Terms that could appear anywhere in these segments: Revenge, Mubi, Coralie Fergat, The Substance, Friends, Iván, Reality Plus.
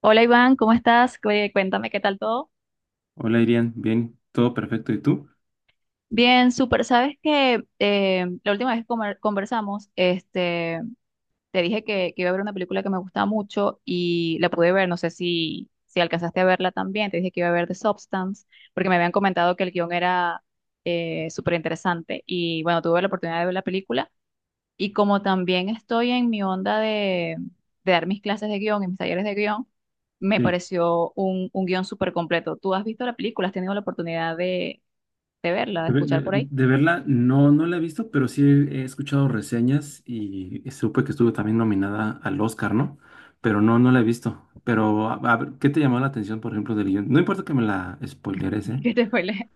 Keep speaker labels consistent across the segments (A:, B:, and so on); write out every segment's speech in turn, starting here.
A: Hola Iván, ¿cómo estás? Cuéntame qué tal todo.
B: Hola, Irian. Bien, todo perfecto. ¿Y tú?
A: Bien, súper. Sabes que la última vez que conversamos, te dije que iba a ver una película que me gustaba mucho y la pude ver. No sé si alcanzaste a verla también. Te dije que iba a ver The Substance porque me habían comentado que el guión era súper interesante. Y bueno, tuve la oportunidad de ver la película. Y como también estoy en mi onda de dar mis clases de guión y mis talleres de guión, me
B: Sí.
A: pareció un guión súper completo. ¿Tú has visto la película? ¿Has tenido la oportunidad de verla, de
B: De, ver-
A: escuchar por ahí?
B: de verla, no, no la he visto, pero sí he escuchado reseñas y supe que estuvo también nominada al Oscar, ¿no? Pero no, no la he visto. Pero, a ver, ¿qué te llamó la atención, por ejemplo, del guión? No importa que me la spoileres, ¿eh?
A: ¿Qué te spoilé?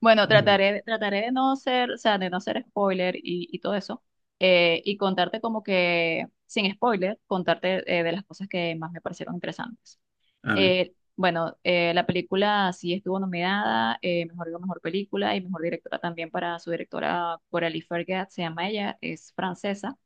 A: Bueno,
B: Mm.
A: trataré de no ser, o sea, de no ser spoiler y todo eso, y contarte como que, sin spoiler, contarte de las cosas que más me parecieron interesantes.
B: A ver,
A: Bueno, la película sí estuvo nominada, mejor digo, mejor película y mejor directora también para su directora Coralie Fergat, se llama ella, es francesa.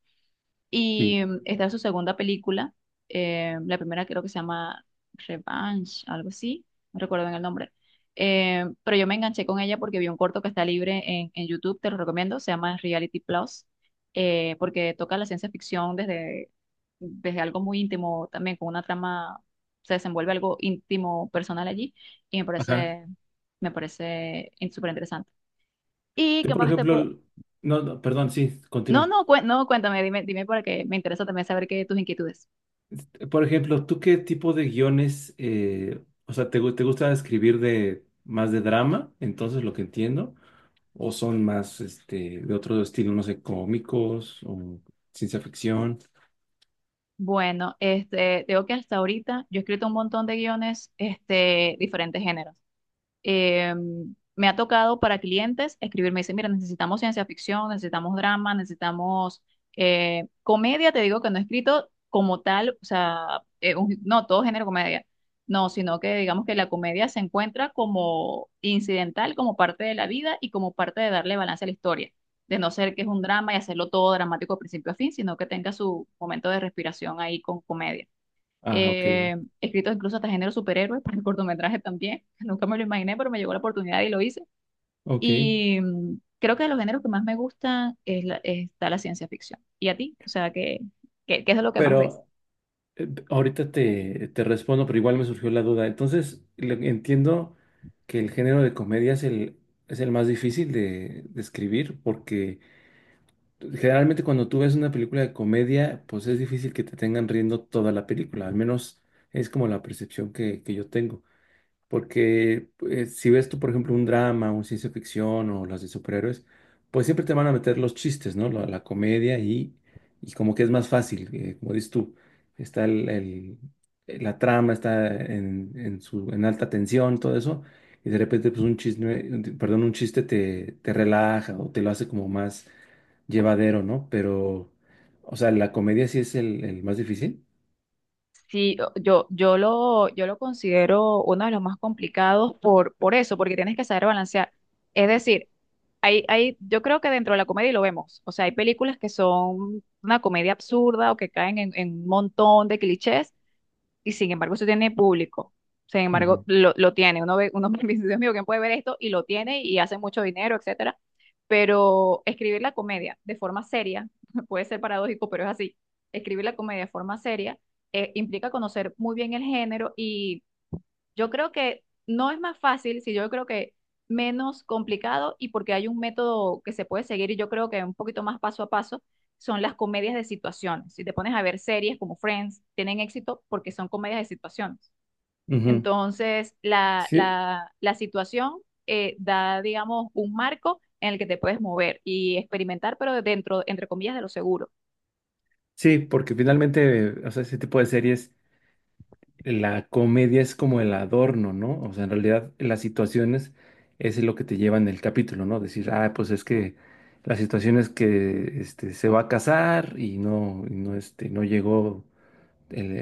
B: sí.
A: Y mm, esta es su segunda película. La primera creo que se llama Revenge, algo así. No recuerdo bien el nombre. Pero yo me enganché con ella porque vi un corto que está libre en YouTube, te lo recomiendo. Se llama Reality Plus, porque toca la ciencia ficción desde algo muy íntimo, también con una trama, se desenvuelve algo íntimo, personal allí. Y
B: Ajá.
A: me parece súper interesante. ¿Y
B: Tú,
A: qué
B: por
A: más te
B: ejemplo,
A: puedo...?
B: no, no, perdón, sí,
A: No,
B: continúa.
A: no, cué- no, cuéntame, dime para que me interesa también saber qué tus inquietudes.
B: Este, por ejemplo, ¿tú qué tipo de guiones, o sea, te gusta escribir de más de drama? Entonces, lo que entiendo. ¿O son más este, de otro estilo, no sé, cómicos o ciencia ficción?
A: Bueno, tengo que hasta ahorita yo he escrito un montón de guiones, diferentes géneros, eh, me ha tocado para clientes escribirme, dicen, mira, necesitamos ciencia ficción, necesitamos drama, necesitamos comedia. Te digo que no he escrito como tal, o sea, no, todo género comedia, no, sino que digamos que la comedia se encuentra como incidental, como parte de la vida y como parte de darle balance a la historia, de no ser que es un drama y hacerlo todo dramático de principio a fin, sino que tenga su momento de respiración ahí con comedia.
B: Ah, ok,
A: eh, Escritos incluso hasta género superhéroe para el cortometraje también. Nunca me lo imaginé, pero me llegó la oportunidad y lo hice.
B: ok.
A: Y mm, creo que de los géneros que más me gustan es la, está la ciencia ficción. ¿Y a ti? O sea, ¿qué, qué, qué es de lo que más ves?
B: Pero ahorita te respondo, pero igual me surgió la duda. Entonces, entiendo que el género de comedia es el más difícil de escribir, porque generalmente cuando tú ves una película de comedia, pues es difícil que te tengan riendo toda la película, al menos es como la percepción que yo tengo. Porque si ves tú, por ejemplo, un drama, un ciencia ficción o las de superhéroes, pues siempre te van a meter los chistes, ¿no? La comedia y como que es más fácil, como dices tú, está la trama, está en alta tensión, todo eso, y de repente pues un chisme, perdón, un chiste te relaja o te lo hace como más llevadero, ¿no? Pero, o sea, la comedia sí es el más difícil.
A: Sí, yo lo considero uno de los más complicados por eso, porque tienes que saber balancear. Es decir, yo creo que dentro de la comedia y lo vemos. O sea, hay películas que son una comedia absurda o que caen en un montón de clichés y sin embargo eso tiene público. Sin embargo,
B: Ujú.
A: lo tiene. Uno ve, uno dice, Dios mío, ¿quién puede ver esto? Y lo tiene y hace mucho dinero, etcétera. Pero escribir la comedia de forma seria, puede ser paradójico, pero es así. Escribir la comedia de forma seria implica conocer muy bien el género y yo creo que no es más fácil, si yo creo que menos complicado, y porque hay un método que se puede seguir y yo creo que un poquito más paso a paso son las comedias de situaciones. Si te pones a ver series como Friends, tienen éxito porque son comedias de situaciones.
B: Ujú.
A: Entonces, la,
B: Sí.
A: la, la situación da, digamos, un marco en el que te puedes mover y experimentar, pero dentro, entre comillas, de lo seguro.
B: Sí, porque finalmente, o sea, ese tipo de series, la comedia es como el adorno, ¿no? O sea, en realidad las situaciones es lo que te lleva en el capítulo, ¿no? Decir, ah, pues es que la situación es que este, se va a casar y no, este, no llegó el,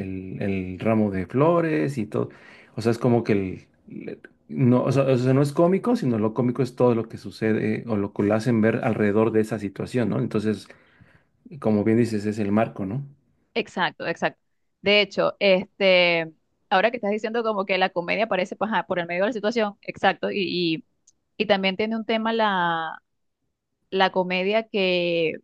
B: el- el ramo de flores y todo. O sea, es como que no, o sea, no es cómico, sino lo cómico es todo lo que sucede o lo que lo hacen ver alrededor de esa situación, ¿no? Entonces, como bien dices, es el marco, ¿no?
A: Exacto, exacto. De hecho, ahora que estás diciendo como que la comedia aparece paja, por el medio de la situación, exacto, y también tiene un tema la, la comedia que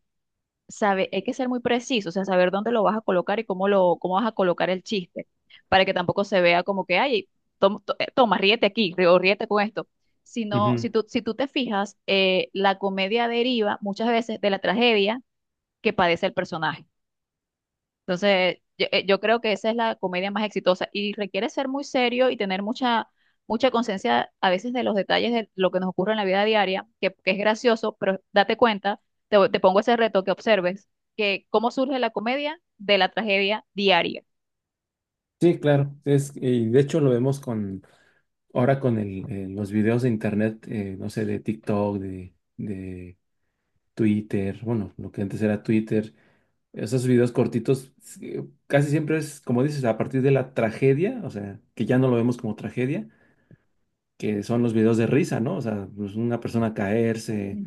A: sabe, hay que ser muy preciso, o sea, saber dónde lo vas a colocar y cómo lo, cómo vas a colocar el chiste, para que tampoco se vea como que, ay, toma, ríete aquí, o ríete con esto. Sino,
B: Ujú.
A: si tú te fijas, la comedia deriva muchas veces de la tragedia que padece el personaje. Entonces, yo creo que esa es la comedia más exitosa y requiere ser muy serio y tener mucha, mucha conciencia a veces de los detalles de lo que nos ocurre en la vida diaria, que es gracioso, pero date cuenta, te pongo ese reto que observes, que cómo surge la comedia de la tragedia diaria.
B: Sí, claro. Y de hecho lo vemos con los videos de internet, no sé, de TikTok, de Twitter, bueno, lo que antes era Twitter, esos videos cortitos, sí, casi siempre es, como dices, a partir de la tragedia, o sea, que ya no lo vemos como tragedia, que son los videos de risa, ¿no? O sea, pues, una persona caerse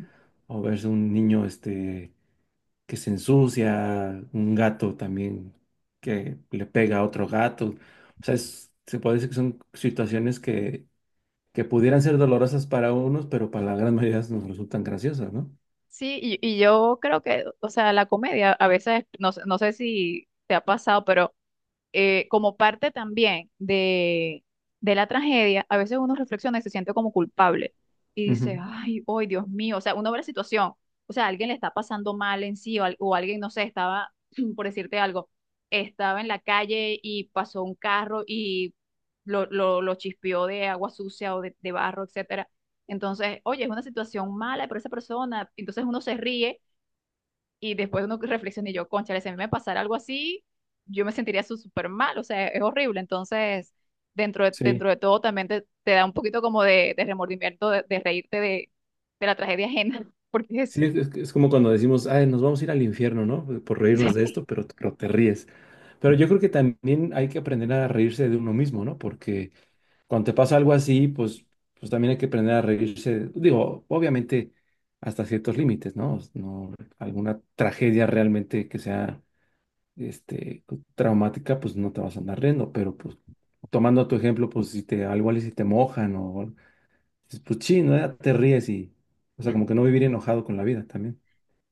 B: o verse un niño este, que se ensucia, un gato también que le pega a otro gato. O sea, se puede decir que son situaciones que pudieran ser dolorosas para unos, pero para la gran mayoría nos resultan graciosas, ¿no?
A: Sí, y yo creo que, o sea, la comedia a veces, no sé si te ha pasado, pero como parte también de la tragedia, a veces uno reflexiona y se siente como culpable y
B: Ujú.
A: dice, ay, hoy, Dios mío, o sea, uno ve la situación, o sea, alguien le está pasando mal en sí o alguien, no sé, estaba, por decirte algo, estaba en la calle y pasó un carro y lo chispeó de agua sucia o de barro, etcétera. Entonces, oye, es una situación mala para esa persona, entonces uno se ríe y después uno reflexiona y yo, cónchale, si a mí me pasara algo así, yo me sentiría súper mal, o sea, es horrible. Entonces,
B: Sí,
A: dentro de todo también te da un poquito como de remordimiento de reírte de la tragedia ajena, porque es...
B: sí, es como cuando decimos, ay, nos vamos a ir al infierno, ¿no? Por reírnos de esto, pero, te ríes. Pero yo creo que también hay que aprender a reírse de uno mismo, ¿no? Porque cuando te pasa algo así, pues también hay que aprender a reírse. Digo, obviamente hasta ciertos límites, ¿no? No, alguna tragedia realmente que sea este, traumática, pues no te vas a andar riendo, pero pues tomando tu ejemplo, pues algo y si te mojan o dices, pues sí, ¿no? Ya te ríes y, o sea, como que no vivir enojado con la vida también.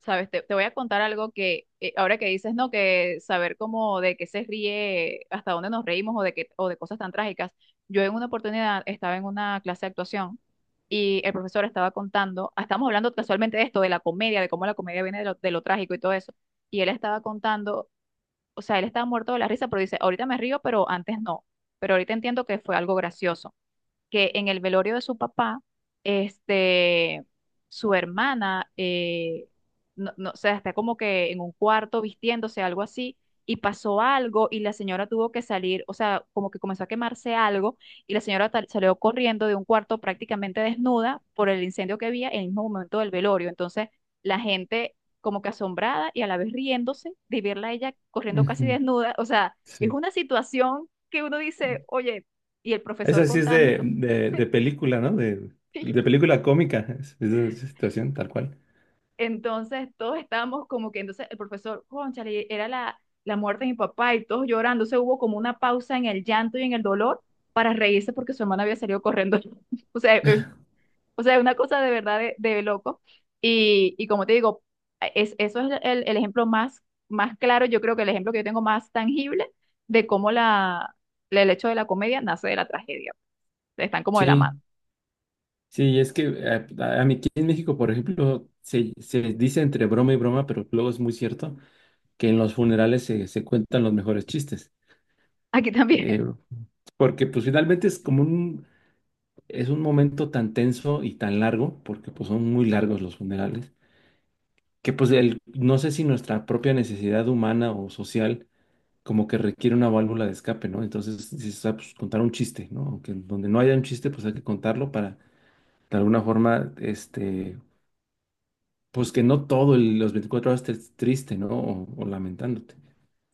A: Sabes, te voy a contar algo que, ahora que dices, ¿no? Que saber cómo de qué se ríe, hasta dónde nos reímos o de qué, o de cosas tan trágicas. Yo en una oportunidad estaba en una clase de actuación y el profesor estaba contando, estamos hablando casualmente de esto, de la comedia, de cómo la comedia viene de lo trágico y todo eso. Y él estaba contando, o sea, él estaba muerto de la risa, pero dice, ahorita me río, pero antes no. Pero ahorita entiendo que fue algo gracioso que en el velorio de su papá, este, su hermana, no, o sea, está como que en un cuarto vistiéndose, algo así, y pasó algo y la señora tuvo que salir, o sea, como que comenzó a quemarse algo y la señora salió corriendo de un cuarto prácticamente desnuda por el incendio que había en el mismo momento del velorio. Entonces, la gente como que asombrada y a la vez riéndose de verla a ella corriendo casi
B: Ujú.
A: desnuda, o sea, es
B: Sí.
A: una situación que uno dice, oye, y el profesor
B: Esa sí es
A: contando.
B: de película, ¿no? De
A: Sí.
B: película cómica, es de esa situación, tal cual.
A: Entonces todos estábamos como que, entonces el profesor, cónchale, era la muerte de mi papá y todos llorando. Se hubo como una pausa en el llanto y en el dolor para reírse porque su hermana había salido corriendo. O sea, eh, o sea, una cosa de verdad de loco. Y como te digo, es, eso es el ejemplo más, más claro, yo creo que el ejemplo que yo tengo más tangible de cómo la, el hecho de la comedia nace de la tragedia. Están como de la mano.
B: Sí. Sí, es que a mí aquí en México, por ejemplo, se dice entre broma y broma, pero luego es muy cierto que en los funerales se cuentan los mejores chistes.
A: Aquí también.
B: Eh, Porque pues finalmente es como un momento tan tenso y tan largo, porque pues son muy largos los funerales, que pues no sé si nuestra propia necesidad humana o social como que requiere una válvula de escape, ¿no? Entonces, dices, "Ah, pues contar un chiste, ¿no? Aunque donde no haya un chiste, pues hay que contarlo para de alguna forma, este pues que no todo los 24 horas estés triste, ¿no? O lamentándote.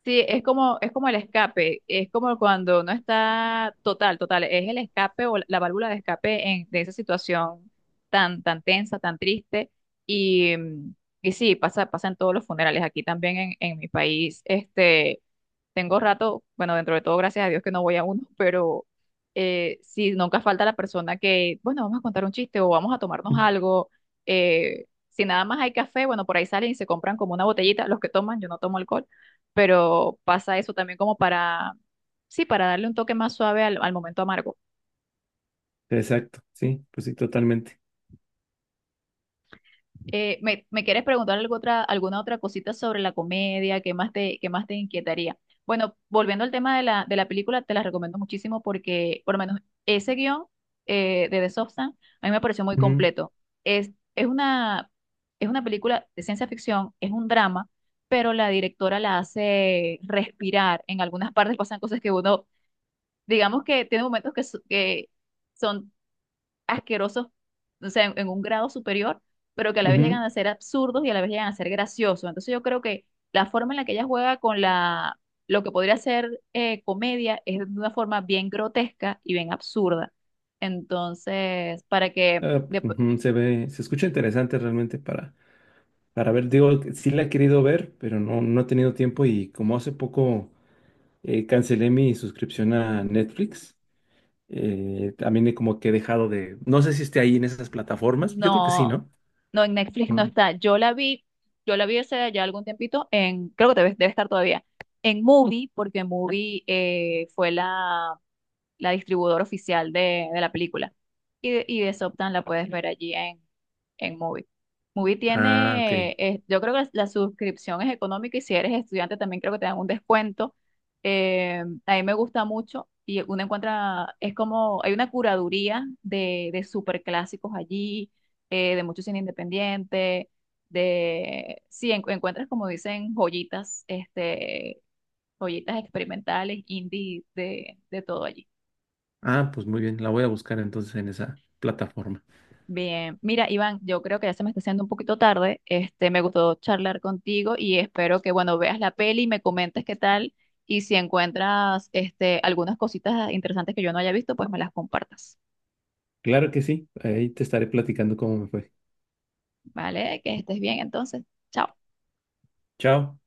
A: Sí, es como el escape, es como cuando no está total, total, es el escape o la válvula de escape en, de esa situación tan, tan tensa, tan triste. Y, mm, y sí, pasa, pasa en todos los funerales. Aquí también en mi país, tengo rato, bueno, dentro de todo, gracias a Dios que no voy a uno, pero sí, nunca falta la persona que, bueno, vamos a contar un chiste o vamos a tomarnos algo. Si nada más hay café, bueno, por ahí salen y se compran como una botellita, los que toman, yo no tomo alcohol, pero pasa eso también como para, sí, para darle un toque más suave al, al momento amargo.
B: Exacto, sí, pues sí, totalmente.
A: ¿ me quieres preguntar algo otra, alguna otra cosita sobre la comedia? ¿Qué más qué más te inquietaría? Bueno, volviendo al tema de la película, te la recomiendo muchísimo porque, por lo menos, ese guión de The Substance a mí me pareció muy
B: Ujú,
A: completo. Es, es una, es una película de ciencia ficción, es un drama, pero la directora la hace respirar. En algunas partes pasan cosas que uno, digamos que tiene momentos que, que son asquerosos, o sea, en un grado superior, pero que a la vez llegan
B: ujú.
A: a ser absurdos y a la vez llegan a ser graciosos. Entonces yo creo que la forma en la que ella juega con la, lo que podría ser comedia es de una forma bien grotesca y bien absurda. Entonces, para que
B: Ah, pues, ujú, se escucha interesante realmente para ver. Digo, que sí la he querido ver, pero no, no he tenido tiempo y como hace poco cancelé mi suscripción a Netflix, también he como que he dejado de, no sé si esté ahí en esas plataformas, yo creo que sí,
A: no,
B: ¿no?
A: no en Netflix no
B: No.
A: está. Yo la vi hace ya algún tiempito en, creo que debe, debe estar todavía, en Movie, porque Movie fue la, la distribuidora oficial de la película. Y de Desoptan la puedes ver allí en Mubi. Mubi
B: Ah,
A: tiene,
B: ok.
A: yo creo que la suscripción es económica y si eres estudiante también creo que te dan un descuento. A mí me gusta mucho y uno encuentra, es como, hay una curaduría de superclásicos allí, de mucho cine independiente, de, sí, encuentras como dicen joyitas, joyitas experimentales, indie, de todo allí.
B: Ah, pues muy bien, la voy a buscar entonces en esa plataforma.
A: Bien, mira, Iván, yo creo que ya se me está haciendo un poquito tarde. Me gustó charlar contigo y espero que, bueno, veas la peli y me comentes qué tal y si encuentras este algunas cositas interesantes que yo no haya visto, pues me las compartas.
B: Claro que sí, ahí te estaré platicando cómo me fue.
A: ¿Vale? Que estés bien entonces. Chao.
B: Chao.